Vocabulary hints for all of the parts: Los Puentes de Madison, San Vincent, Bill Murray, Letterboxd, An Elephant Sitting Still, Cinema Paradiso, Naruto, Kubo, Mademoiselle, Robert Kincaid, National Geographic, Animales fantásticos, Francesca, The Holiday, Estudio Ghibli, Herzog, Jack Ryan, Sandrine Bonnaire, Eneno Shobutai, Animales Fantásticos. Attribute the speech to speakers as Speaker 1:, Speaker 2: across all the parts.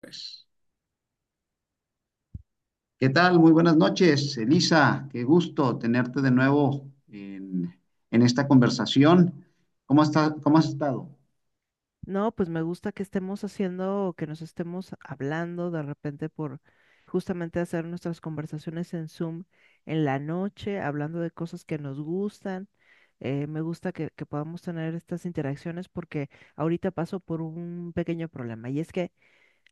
Speaker 1: Pues, ¿qué tal? Muy buenas noches, Elisa. Qué gusto tenerte de nuevo en esta conversación. ¿Cómo está, cómo has estado?
Speaker 2: No, pues me gusta que estemos haciendo, o que nos estemos hablando de repente por justamente hacer nuestras conversaciones en Zoom en la noche, hablando de cosas que nos gustan. Me gusta que podamos tener estas interacciones porque ahorita paso por un pequeño problema, y es que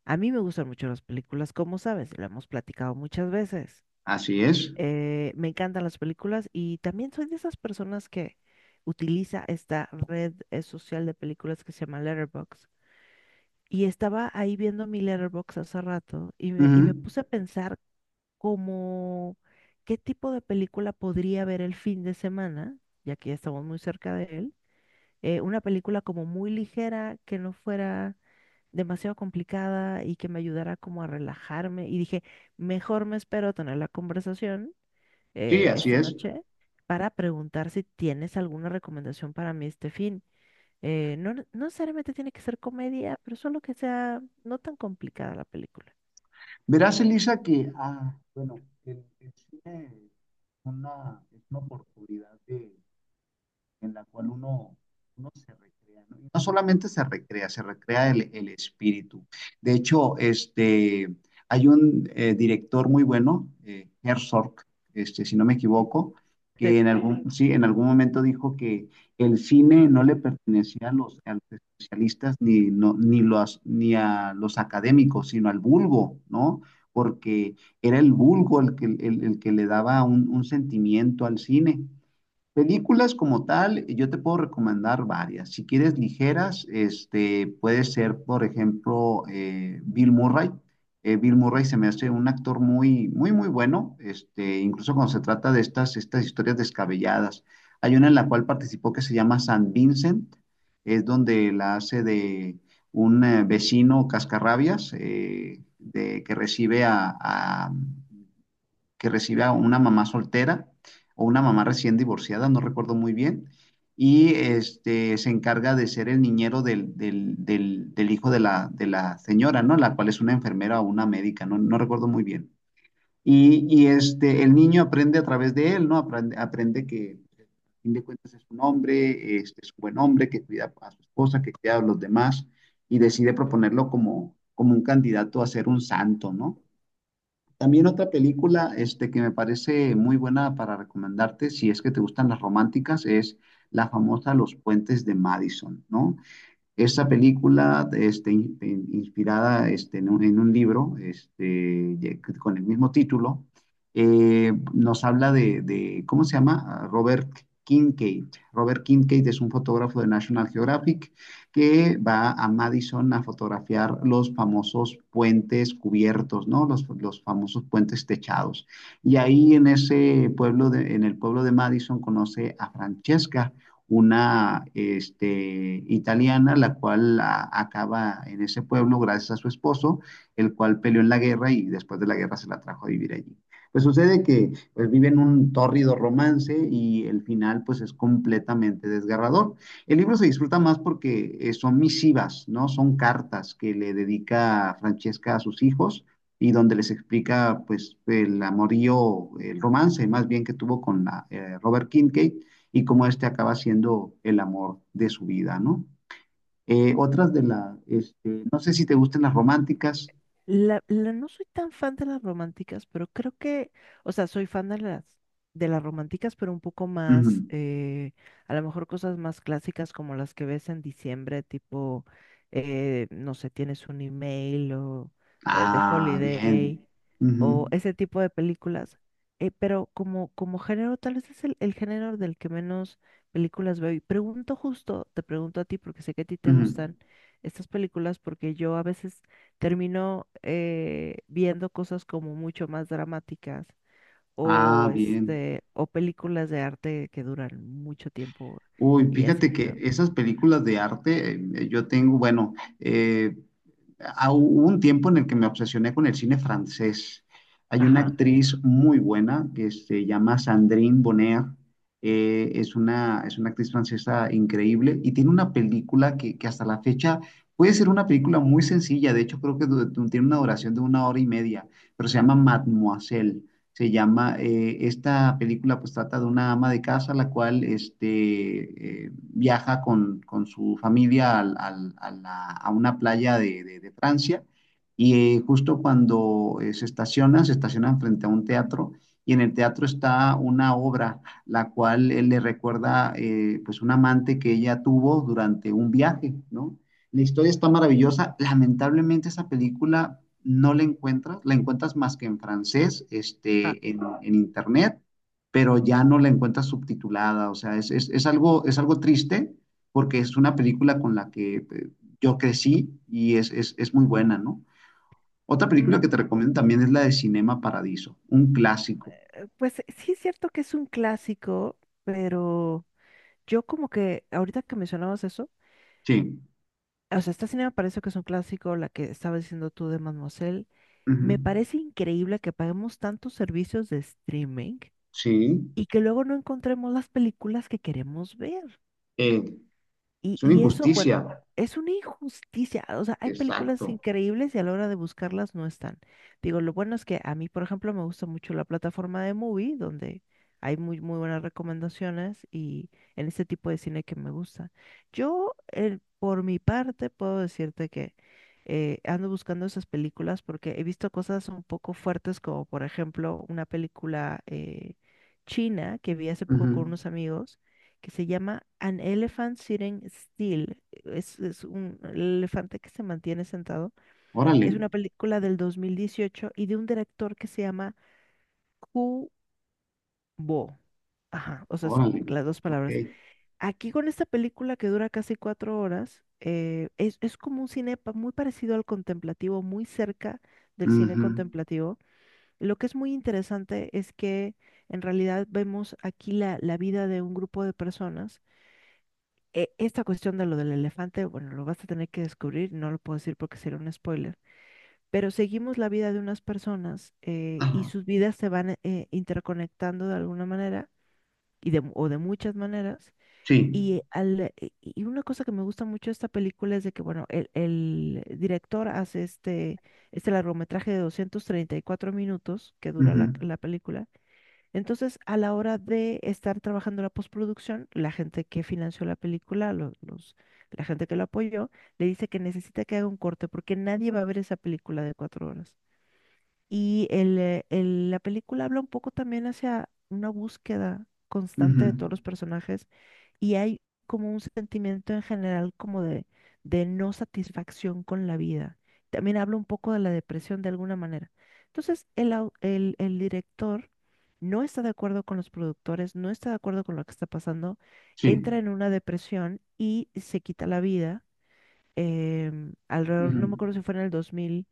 Speaker 2: a mí me gustan mucho las películas, como sabes, lo hemos platicado muchas veces.
Speaker 1: Así es.
Speaker 2: Me encantan las películas y también soy de esas personas que utiliza esta red social de películas que se llama Letterboxd, y estaba ahí viendo mi Letterboxd hace rato y y me
Speaker 1: Ujú.
Speaker 2: puse a pensar como qué tipo de película podría ver el fin de semana, ya que ya estamos muy cerca de él. Una película como muy ligera, que no fuera demasiado complicada y que me ayudara como a relajarme. Y dije, mejor me espero a tener la conversación
Speaker 1: Sí, así
Speaker 2: esta
Speaker 1: es.
Speaker 2: noche para preguntar si tienes alguna recomendación para mí este fin. No, no necesariamente tiene que ser comedia, pero solo que sea no tan complicada la película.
Speaker 1: Verás, Elisa, que, bueno, el cine es una oportunidad de, en la cual uno se recrea, ¿no? Y no solamente se recrea el espíritu. De hecho, hay un director muy bueno, Herzog, si no me equivoco, que en algún, sí, en algún momento dijo que el cine no le pertenecía a a los especialistas ni, no, ni, los, ni a los académicos, sino al vulgo, ¿no? Porque era el vulgo el que le daba un sentimiento al cine. Películas como tal, yo te puedo recomendar varias. Si quieres ligeras, puede ser, por ejemplo, Bill Murray. Bill Murray se me hace un actor muy, muy, muy bueno, incluso cuando se trata de estas historias descabelladas. Hay una en la cual participó que se llama San Vincent. Es donde la hace de un vecino cascarrabias que recibe a una mamá soltera o una mamá recién divorciada, no recuerdo muy bien, y se encarga de ser el niñero del hijo de de la señora, ¿no? La cual es una enfermera o una médica. No no, recuerdo muy bien. El niño aprende a través de él, ¿no? Aprende que, a fin de cuentas, es un hombre, es un buen hombre que cuida a su esposa, que cuida a los demás, y decide proponerlo como un candidato a ser un santo, ¿no? También otra película que me parece muy buena para recomendarte, si es que te gustan las románticas, es la famosa Los Puentes de Madison, ¿no? Esta película, inspirada en un libro con el mismo título, nos habla ¿cómo se llama? Ah, Robert Kincaid. Robert Kincaid es un fotógrafo de National Geographic que va a Madison a fotografiar los famosos puentes cubiertos, ¿no? Los famosos puentes techados. Y ahí en ese pueblo, en el pueblo de Madison, conoce a Francesca, una italiana, la cual acaba en ese pueblo gracias a su esposo, el cual peleó en la guerra y después de la guerra se la trajo a vivir allí. Pues sucede que, pues, viven un tórrido romance, y el final pues es completamente desgarrador. El libro se disfruta más porque, son misivas, ¿no? Son cartas que le dedica Francesca a sus hijos y donde les explica pues el amorío, el romance más bien que tuvo con Robert Kincaid, y cómo este acaba siendo el amor de su vida, ¿no? Otras de no sé si te gustan las románticas.
Speaker 2: No soy tan fan de las románticas, pero creo que, o sea, soy fan de las románticas, pero un poco más,
Speaker 1: Ujú.
Speaker 2: a lo mejor cosas más clásicas como las que ves en diciembre, tipo, no sé, tienes un email o The
Speaker 1: Ah,
Speaker 2: Holiday
Speaker 1: bien.
Speaker 2: o
Speaker 1: Ujú,
Speaker 2: ese tipo de películas. Pero como, como género, tal vez es el género del que menos películas veo. Y pregunto justo, te pregunto a ti, porque sé que a ti te
Speaker 1: ujú.
Speaker 2: gustan estas películas, porque yo a veces termino viendo cosas como mucho más dramáticas
Speaker 1: Ah,
Speaker 2: o
Speaker 1: bien.
Speaker 2: este o películas de arte que duran mucho tiempo
Speaker 1: Uy,
Speaker 2: y así,
Speaker 1: fíjate que
Speaker 2: ¿no?
Speaker 1: esas películas de arte, yo tengo, bueno, eh, hubo un tiempo en el que me obsesioné con el cine francés. Hay una
Speaker 2: Ajá.
Speaker 1: actriz muy buena que se llama Sandrine Bonnaire. Es una actriz francesa increíble, y tiene una película que hasta la fecha puede ser una película muy sencilla. De hecho, creo que tiene una duración de 1 hora y media, pero se llama Mademoiselle. Esta película pues trata de una ama de casa, la cual viaja con su familia a una playa de Francia, y justo cuando se estacionan frente a un teatro, y en el teatro está una obra la cual él le recuerda, pues un amante que ella tuvo durante un viaje, ¿no? La historia está maravillosa. Lamentablemente, esa película no la encuentras, la encuentras más que en francés,
Speaker 2: Ah,
Speaker 1: en, internet, pero ya no la encuentras subtitulada. O sea, es algo triste, porque es una película con la que, yo crecí, y es muy buena, ¿no? Otra
Speaker 2: mm,
Speaker 1: película que te recomiendo también es la de Cinema Paradiso, un clásico.
Speaker 2: pues sí es cierto que es un clásico, pero yo como que ahorita que mencionabas eso,
Speaker 1: Sí.
Speaker 2: o sea, esta cine me parece que es un clásico, la que estabas diciendo tú de Mademoiselle.
Speaker 1: Ujú.
Speaker 2: Me parece increíble que paguemos tantos servicios de streaming
Speaker 1: Sí.
Speaker 2: y que luego no encontremos las películas que queremos ver.
Speaker 1: Eh,
Speaker 2: Y,
Speaker 1: es una
Speaker 2: y eso, bueno,
Speaker 1: injusticia.
Speaker 2: es una injusticia. O sea, hay películas
Speaker 1: Exacto.
Speaker 2: increíbles y a la hora de buscarlas no están. Digo, lo bueno es que a mí, por ejemplo, me gusta mucho la plataforma de Movie, donde hay muy, muy buenas recomendaciones y en este tipo de cine que me gusta. Yo, por mi parte, puedo decirte que ando buscando esas películas porque he visto cosas un poco fuertes, como por ejemplo una película china que vi hace poco
Speaker 1: Ujú.
Speaker 2: con unos amigos que se llama An Elephant Sitting Still. Es un elefante que se mantiene sentado.
Speaker 1: Órale.
Speaker 2: Es una película del 2018 y de un director que se llama Kubo. Ajá, o sea, es
Speaker 1: Órale,
Speaker 2: las dos
Speaker 1: ok.
Speaker 2: palabras. Aquí con esta película que dura casi 4 horas, es como un muy parecido al contemplativo, muy cerca del cine
Speaker 1: Ujú.
Speaker 2: contemplativo. Lo que es muy interesante es que en realidad vemos aquí la vida de un grupo de personas, esta cuestión de lo del elefante, bueno, lo vas a tener que descubrir, no lo puedo decir porque sería un spoiler, pero seguimos la vida de unas personas y
Speaker 1: Ajá,
Speaker 2: sus vidas se van interconectando de alguna manera y de, o de muchas maneras.
Speaker 1: sí.
Speaker 2: Y una cosa que me gusta mucho de esta película es de que, bueno, el director hace este, este largometraje de 234 minutos que dura la
Speaker 1: Ujú,
Speaker 2: la película. Entonces, a la hora de estar trabajando la postproducción, la gente que financió la película, la gente que lo apoyó, le dice que necesita que haga un corte porque nadie va a ver esa película de 4 horas. La película habla un poco también hacia una búsqueda
Speaker 1: ujú,
Speaker 2: constante de todos los personajes, y hay como un sentimiento en general como de no satisfacción con la vida. También habla un poco de la depresión de alguna manera. Entonces, el director no está de acuerdo con los productores, no está de acuerdo con lo que está pasando, entra
Speaker 1: sí.
Speaker 2: en una depresión y se quita la vida. Alrededor, no me
Speaker 1: Ujú,
Speaker 2: acuerdo si fue en el 2000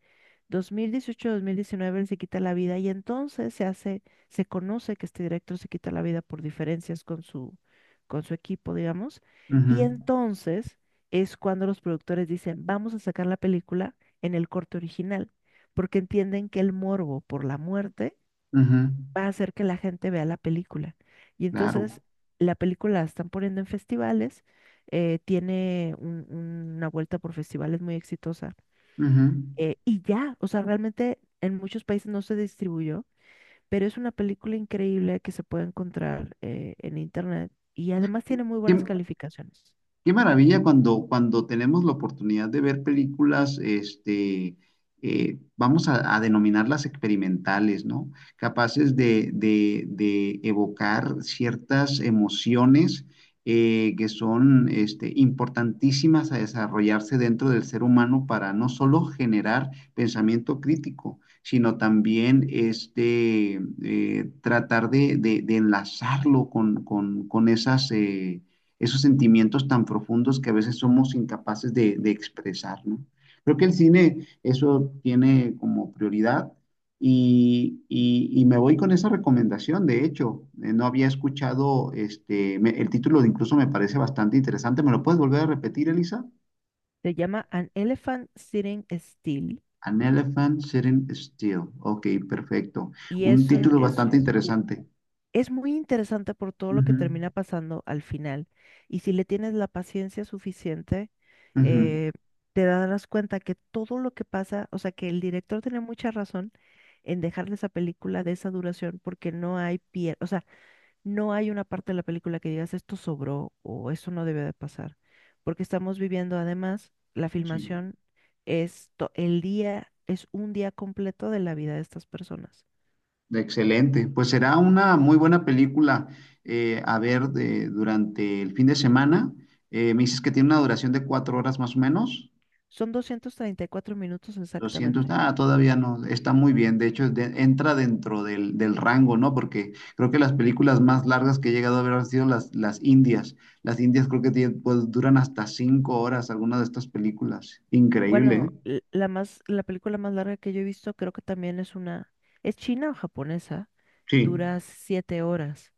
Speaker 2: 2018-2019 él se quita la vida, y entonces se hace, se conoce que este director se quita la vida por diferencias con su equipo, digamos. Y
Speaker 1: ujú,
Speaker 2: entonces es cuando los productores dicen, vamos a sacar la película en el corte original, porque entienden que el morbo por la muerte
Speaker 1: ujú,
Speaker 2: va a hacer que la gente vea la película. Y entonces
Speaker 1: claro.
Speaker 2: la película la están poniendo en festivales, tiene un- una vuelta por festivales muy exitosa,
Speaker 1: Ujú.
Speaker 2: y ya, o sea, realmente en muchos países no se distribuyó, pero es una película increíble que se puede encontrar en internet, y además tiene muy
Speaker 1: ¿Qué,
Speaker 2: buenas calificaciones.
Speaker 1: Qué maravilla cuando tenemos la oportunidad de ver películas, vamos a denominarlas experimentales, ¿no? Capaces de evocar ciertas emociones, que son, importantísimas a desarrollarse dentro del ser humano, para no solo generar pensamiento crítico, sino también tratar de enlazarlo con esos sentimientos tan profundos que a veces somos incapaces de expresar, ¿no? Creo que el cine eso tiene como prioridad, y, y me voy con esa recomendación. De hecho, no había escuchado, el título de, incluso me parece bastante interesante. ¿Me lo puedes volver a repetir, Elisa?
Speaker 2: Se llama An Elephant Sitting Still
Speaker 1: An Elephant Sitting Still. Ok, perfecto,
Speaker 2: y
Speaker 1: un
Speaker 2: es un,
Speaker 1: título bastante
Speaker 2: ju-
Speaker 1: interesante.
Speaker 2: es muy interesante por todo lo que termina pasando al final. Y si le tienes la paciencia suficiente,
Speaker 1: Ujú, ujú,
Speaker 2: eh, te darás cuenta que todo lo que pasa, o sea, que el director tiene mucha razón en dejarle esa película de esa duración porque no hay pierde. No hay una parte de la película que digas esto sobró o eso no debe de pasar, porque estamos viviendo además la
Speaker 1: sí.
Speaker 2: filmación es el día, es un día completo de la vida de estas personas.
Speaker 1: Excelente. Pues será una muy buena película, a ver, durante el fin de semana. Me dices que tiene una duración de 4 horas más o menos.
Speaker 2: Son 234 minutos
Speaker 1: doscientos.
Speaker 2: exactamente.
Speaker 1: ah, todavía no, está muy bien. De hecho, entra dentro del rango, ¿no? Porque creo que las películas más largas que he llegado a ver han sido las indias. Las indias creo que pues, duran hasta 5 horas algunas de estas películas. Increíble, ¿eh?
Speaker 2: Bueno, la película más larga que yo he visto, creo que también es una, es china o japonesa,
Speaker 1: Sí,
Speaker 2: dura 7 horas.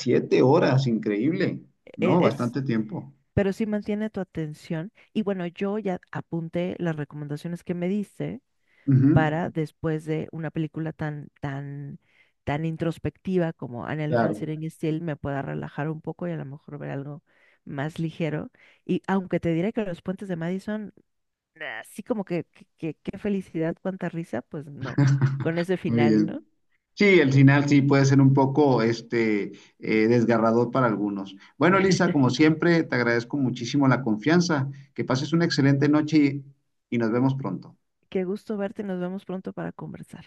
Speaker 1: 7 horas, increíble.
Speaker 2: E-
Speaker 1: No,
Speaker 2: Es,
Speaker 1: bastante tiempo.
Speaker 2: pero sí mantiene tu atención. Y bueno, yo ya apunté las recomendaciones que me diste
Speaker 1: Ujú,
Speaker 2: para después de una película tan, tan, tan introspectiva como An Elephant
Speaker 1: claro,
Speaker 2: Sitting Still, me pueda relajar un poco y a lo mejor ver algo más ligero. Y aunque te diré que Los Puentes de Madison, así como que, qué felicidad, cuánta risa, pues no, con ese
Speaker 1: muy
Speaker 2: final,
Speaker 1: bien.
Speaker 2: ¿no?
Speaker 1: Sí, el final sí puede ser un poco, desgarrador para algunos. Bueno, Elisa, como siempre, te agradezco muchísimo la confianza. Que pases una excelente noche, y nos vemos pronto.
Speaker 2: Qué gusto verte, nos vemos pronto para conversar.